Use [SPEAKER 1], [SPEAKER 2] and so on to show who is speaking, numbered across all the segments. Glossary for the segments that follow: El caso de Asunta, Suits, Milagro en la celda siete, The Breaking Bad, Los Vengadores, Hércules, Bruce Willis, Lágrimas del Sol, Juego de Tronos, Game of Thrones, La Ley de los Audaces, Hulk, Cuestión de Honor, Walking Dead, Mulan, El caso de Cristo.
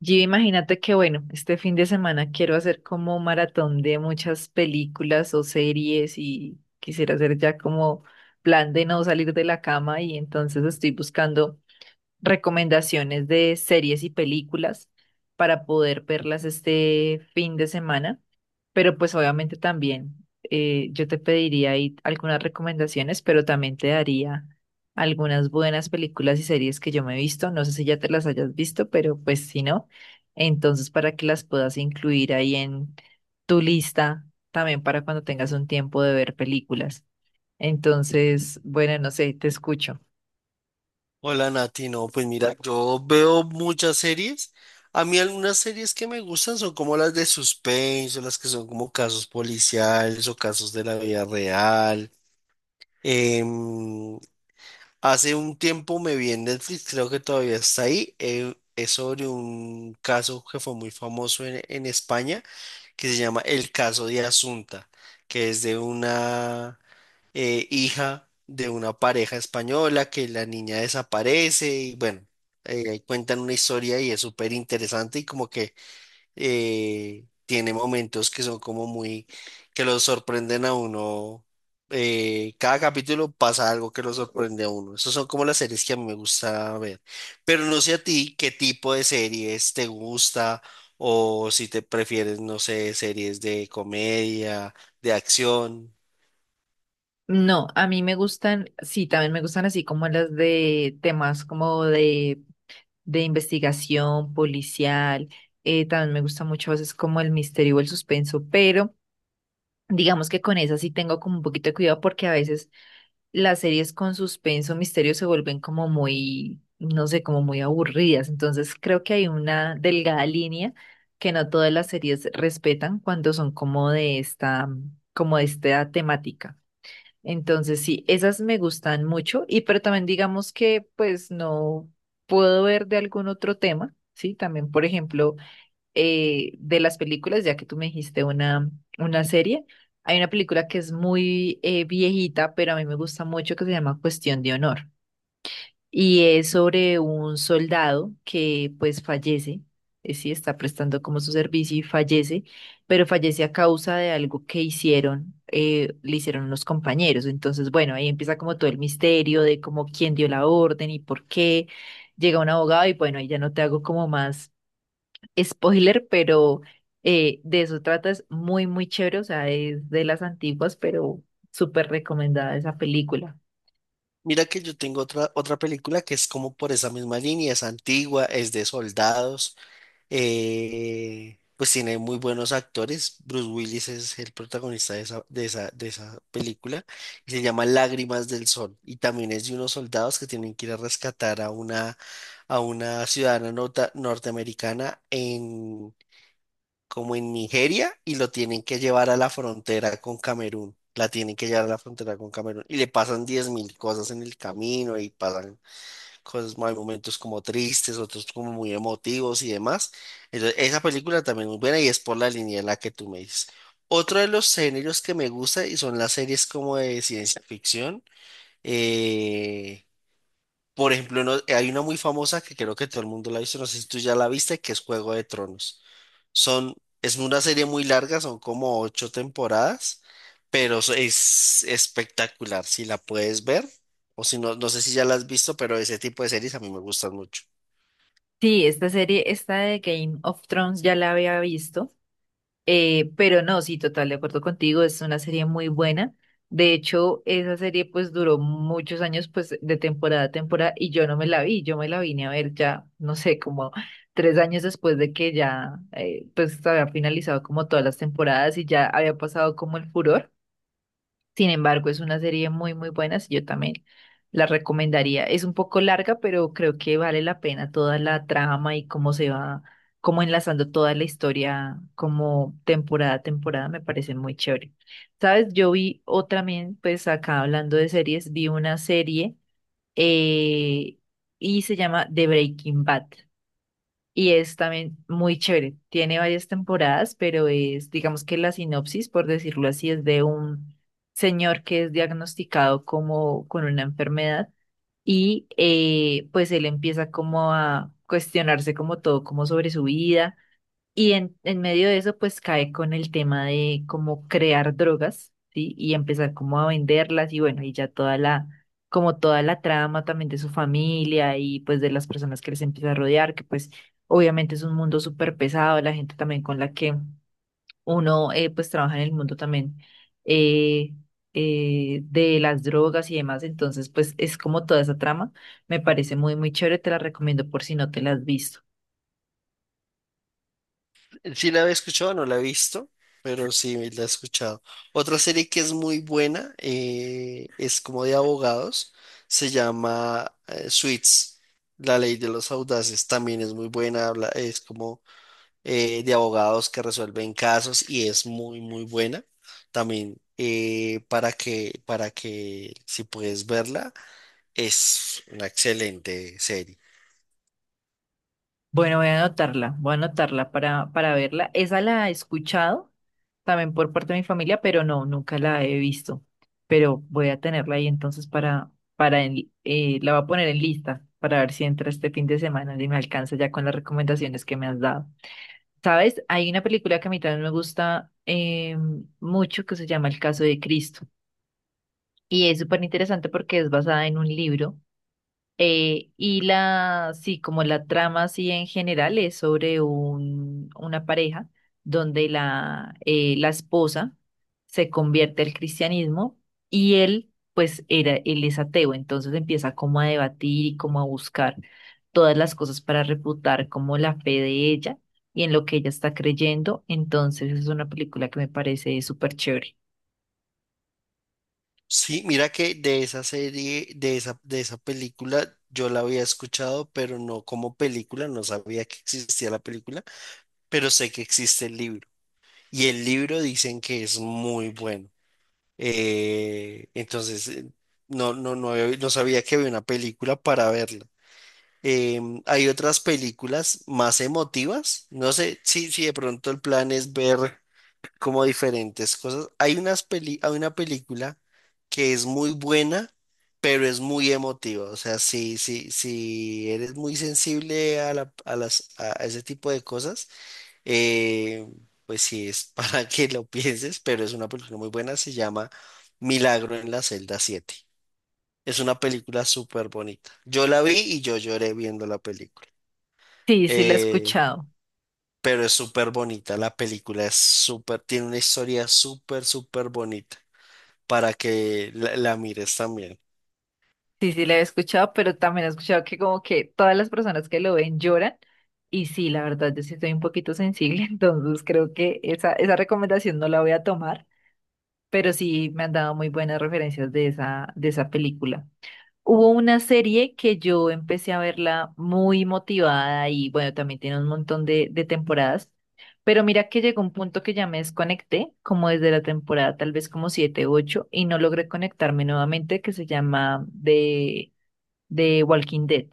[SPEAKER 1] Gio, imagínate que, bueno, este fin de semana quiero hacer como un maratón de muchas películas o series y quisiera hacer ya como plan de no salir de la cama y entonces estoy buscando recomendaciones de series y películas para poder verlas este fin de semana, pero pues obviamente también yo te pediría ahí algunas recomendaciones, pero también te daría algunas buenas películas y series que yo me he visto, no sé si ya te las hayas visto, pero pues si no, entonces para que las puedas incluir ahí en tu lista, también para cuando tengas un tiempo de ver películas. Entonces, bueno, no sé, te escucho.
[SPEAKER 2] Hola Nati, no, pues mira, yo veo muchas series. A mí algunas series que me gustan son como las de suspenso, las que son como casos policiales o casos de la vida real. Em, Hace un tiempo me vi en Netflix, creo que todavía está ahí. Es sobre un caso que fue muy famoso en España que se llama El caso de Asunta, que es de una hija de una pareja española que la niña desaparece y bueno, cuentan una historia y es súper interesante y como que tiene momentos que son como muy, que los sorprenden a uno. Cada capítulo pasa algo que lo sorprende a uno. Esas son como las series que a mí me gusta ver. Pero no sé a ti qué tipo de series te gusta o si te prefieres, no sé, series de comedia, de acción.
[SPEAKER 1] No, a mí me gustan, sí, también me gustan así como las de temas como de investigación policial, también me gusta mucho a veces como el misterio o el suspenso, pero digamos que con esas sí tengo como un poquito de cuidado porque a veces las series con suspenso, misterio se vuelven como muy, no sé, como muy aburridas, entonces creo que hay una delgada línea que no todas las series respetan cuando son como de esta temática. Entonces, sí, esas me gustan mucho y pero también digamos que pues no puedo ver de algún otro tema, ¿sí? También, por ejemplo, de las películas, ya que tú me dijiste una, serie, hay una película que es muy viejita, pero a mí me gusta mucho que se llama Cuestión de Honor y es sobre un soldado que pues fallece, sí está prestando como su servicio y fallece, pero fallece a causa de algo que le hicieron los compañeros. Entonces, bueno, ahí empieza como todo el misterio de como quién dio la orden y por qué. Llega un abogado y bueno, ahí ya no te hago como más spoiler, pero de eso trata, es muy, muy chévere, o sea, es de las antiguas, pero súper recomendada esa película.
[SPEAKER 2] Mira que yo tengo otra película que es como por esa misma línea, es antigua, es de soldados. Pues tiene muy buenos actores. Bruce Willis es el protagonista de esa, de esa película y se llama Lágrimas del Sol. Y también es de unos soldados que tienen que ir a rescatar a una ciudadana norteamericana en, como en Nigeria y lo tienen que llevar a la frontera con Camerún. La tienen que llevar a la frontera con Camerún y le pasan 10.000 cosas en el camino y pasan cosas, hay momentos como tristes, otros como muy emotivos y demás. Entonces, esa película también es muy buena y es por la línea en la que tú me dices. Otro de los géneros que me gusta y son las series como de ciencia ficción. eh, por ejemplo, hay una muy famosa que creo que todo el mundo la ha visto, no sé si tú ya la viste, que es Juego de Tronos. Son, es una serie muy larga, son como ocho temporadas, pero es espectacular. Si la puedes ver, o si no, no sé si ya la has visto, pero ese tipo de series a mí me gustan mucho.
[SPEAKER 1] Sí, esta serie, esta de Game of Thrones ya la había visto, pero no, sí, total, de acuerdo contigo, es una serie muy buena. De hecho, esa serie pues duró muchos años pues de temporada a temporada y yo no me la vi, yo me la vine a ver ya, no sé, como 3 años después de que ya pues había finalizado como todas las temporadas y ya había pasado como el furor. Sin embargo, es una serie muy, muy buena, y yo también la recomendaría. Es un poco larga, pero creo que vale la pena toda la trama y cómo se va, cómo enlazando toda la historia, como temporada a temporada, me parece muy chévere. ¿Sabes? Yo vi otra también, pues acá hablando de series, vi una serie eh, y se llama The Breaking Bad. Y es también muy chévere. Tiene varias temporadas, pero es, digamos que la sinopsis, por decirlo así, es de un señor que es diagnosticado como con una enfermedad y pues él empieza como a cuestionarse como todo, como sobre su vida y en medio de eso, pues cae con el tema de cómo crear drogas, ¿sí? Y empezar como a venderlas y bueno, y ya toda la, como toda la trama también de su familia y pues de las personas que les empieza a rodear, que pues obviamente es un mundo súper pesado, la gente también con la que uno pues trabaja en el mundo también eh, de las drogas y demás, entonces pues es como toda esa trama, me parece muy, muy chévere, te la recomiendo por si no te la has visto.
[SPEAKER 2] Sí la había escuchado, no la he visto, pero sí la he escuchado. Otra serie que es muy buena es como de abogados, se llama Suits, La Ley de los Audaces, también es muy buena, es como de abogados que resuelven casos y es muy, muy buena. También para que si puedes verla, es una excelente serie.
[SPEAKER 1] Bueno, voy a anotarla para verla. Esa la he escuchado también por parte de mi familia, pero no, nunca la he visto. Pero voy a tenerla ahí entonces para la voy a poner en lista para ver si entra este fin de semana y me alcanza ya con las recomendaciones que me has dado. ¿Sabes? Hay una película que a mí también me gusta mucho que se llama El caso de Cristo. Y es súper interesante porque es basada en un libro y sí, como la trama así en general es sobre una pareja donde la esposa se convierte al cristianismo y él, pues era, él es ateo, entonces empieza como a debatir y como a buscar todas las cosas para refutar como la fe de ella y en lo que ella está creyendo, entonces es una película que me parece súper chévere.
[SPEAKER 2] Sí, mira que de esa serie, de esa película, yo la había escuchado, pero no como película, no sabía que existía la película, pero sé que existe el libro. Y el libro dicen que es muy bueno. Entonces, no sabía que había una película para verla. Hay otras películas más emotivas. No sé si, si de pronto el plan es ver como diferentes cosas. Hay unas peli, hay una película que es muy buena, pero es muy emotiva. O sea, si, si, si eres muy sensible a a las, a ese tipo de cosas, eh, pues sí es para que lo pienses, pero es una película muy buena. Se llama Milagro en la celda siete. Es una película súper bonita. Yo la vi y yo lloré viendo la película.
[SPEAKER 1] Sí, sí la he
[SPEAKER 2] Eh,
[SPEAKER 1] escuchado.
[SPEAKER 2] pero es súper bonita. La película es súper, tiene una historia súper, súper bonita para que la mires también.
[SPEAKER 1] Sí, sí, la he escuchado, pero también he escuchado que como que todas las personas que lo ven lloran. Y sí, la verdad, yo sí estoy un poquito sensible, entonces creo que esa recomendación no la voy a tomar, pero sí me han dado muy buenas referencias de esa película. Hubo una serie que yo empecé a verla muy motivada y bueno, también tiene un montón de temporadas, pero mira que llegó un punto que ya me desconecté, como desde la temporada tal vez como siete u ocho, y no logré conectarme nuevamente, que se llama de Walking Dead.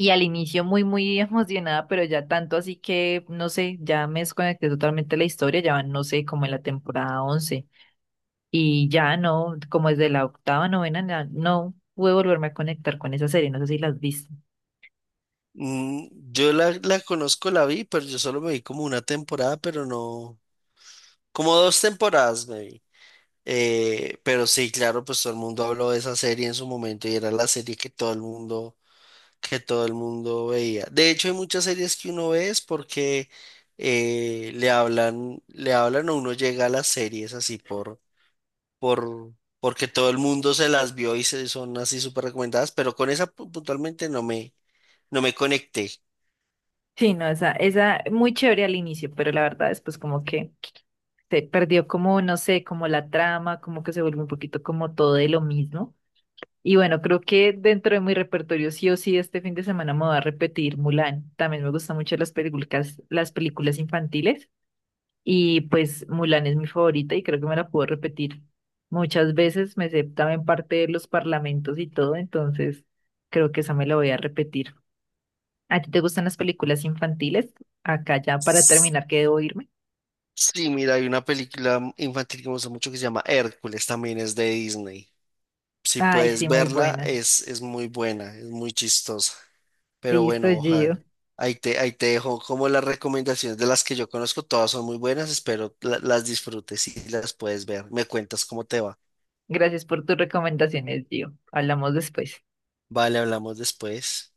[SPEAKER 1] Y al inicio muy, muy emocionada, pero ya tanto así que, no sé, ya me desconecté totalmente de la historia, ya van, no sé, como en la temporada 11. Y ya no, como desde la octava, novena, no pude volverme a conectar con esa serie, no sé si las viste.
[SPEAKER 2] Mm, yo la conozco, la vi, pero yo solo me vi como una temporada, pero no, como dos temporadas me vi. Pero sí, claro, pues todo el mundo habló de esa serie en su momento y era la serie que todo el mundo, que todo el mundo veía. De hecho, hay muchas series que uno ve es porque le hablan o uno llega a las series así por, porque todo el mundo se las vio y se son así súper recomendadas, pero con esa puntualmente no me conecté.
[SPEAKER 1] Sí, no, esa muy chévere al inicio, pero la verdad después como que se perdió como, no sé, como la trama, como que se vuelve un poquito como todo de lo mismo. Y bueno, creo que dentro de mi repertorio sí o sí este fin de semana me voy a repetir Mulan. También me gustan mucho las películas infantiles y pues Mulan es mi favorita y creo que me la puedo repetir muchas veces. Me sé también parte de los parlamentos y todo, entonces creo que esa me la voy a repetir. ¿A ti te gustan las películas infantiles? Acá ya para terminar, que debo irme.
[SPEAKER 2] Sí, mira, hay una película infantil que me gusta mucho que se llama Hércules, también es de Disney. Si
[SPEAKER 1] Ay,
[SPEAKER 2] puedes
[SPEAKER 1] sí, muy
[SPEAKER 2] verla,
[SPEAKER 1] buena.
[SPEAKER 2] es muy buena, es muy chistosa. Pero
[SPEAKER 1] Listo,
[SPEAKER 2] bueno,
[SPEAKER 1] Gio.
[SPEAKER 2] ojalá. Ahí te dejo como las recomendaciones de las que yo conozco, todas son muy buenas, espero las disfrutes y las puedes ver. Me cuentas cómo te va.
[SPEAKER 1] Gracias por tus recomendaciones, Gio. Hablamos después.
[SPEAKER 2] Vale, hablamos después.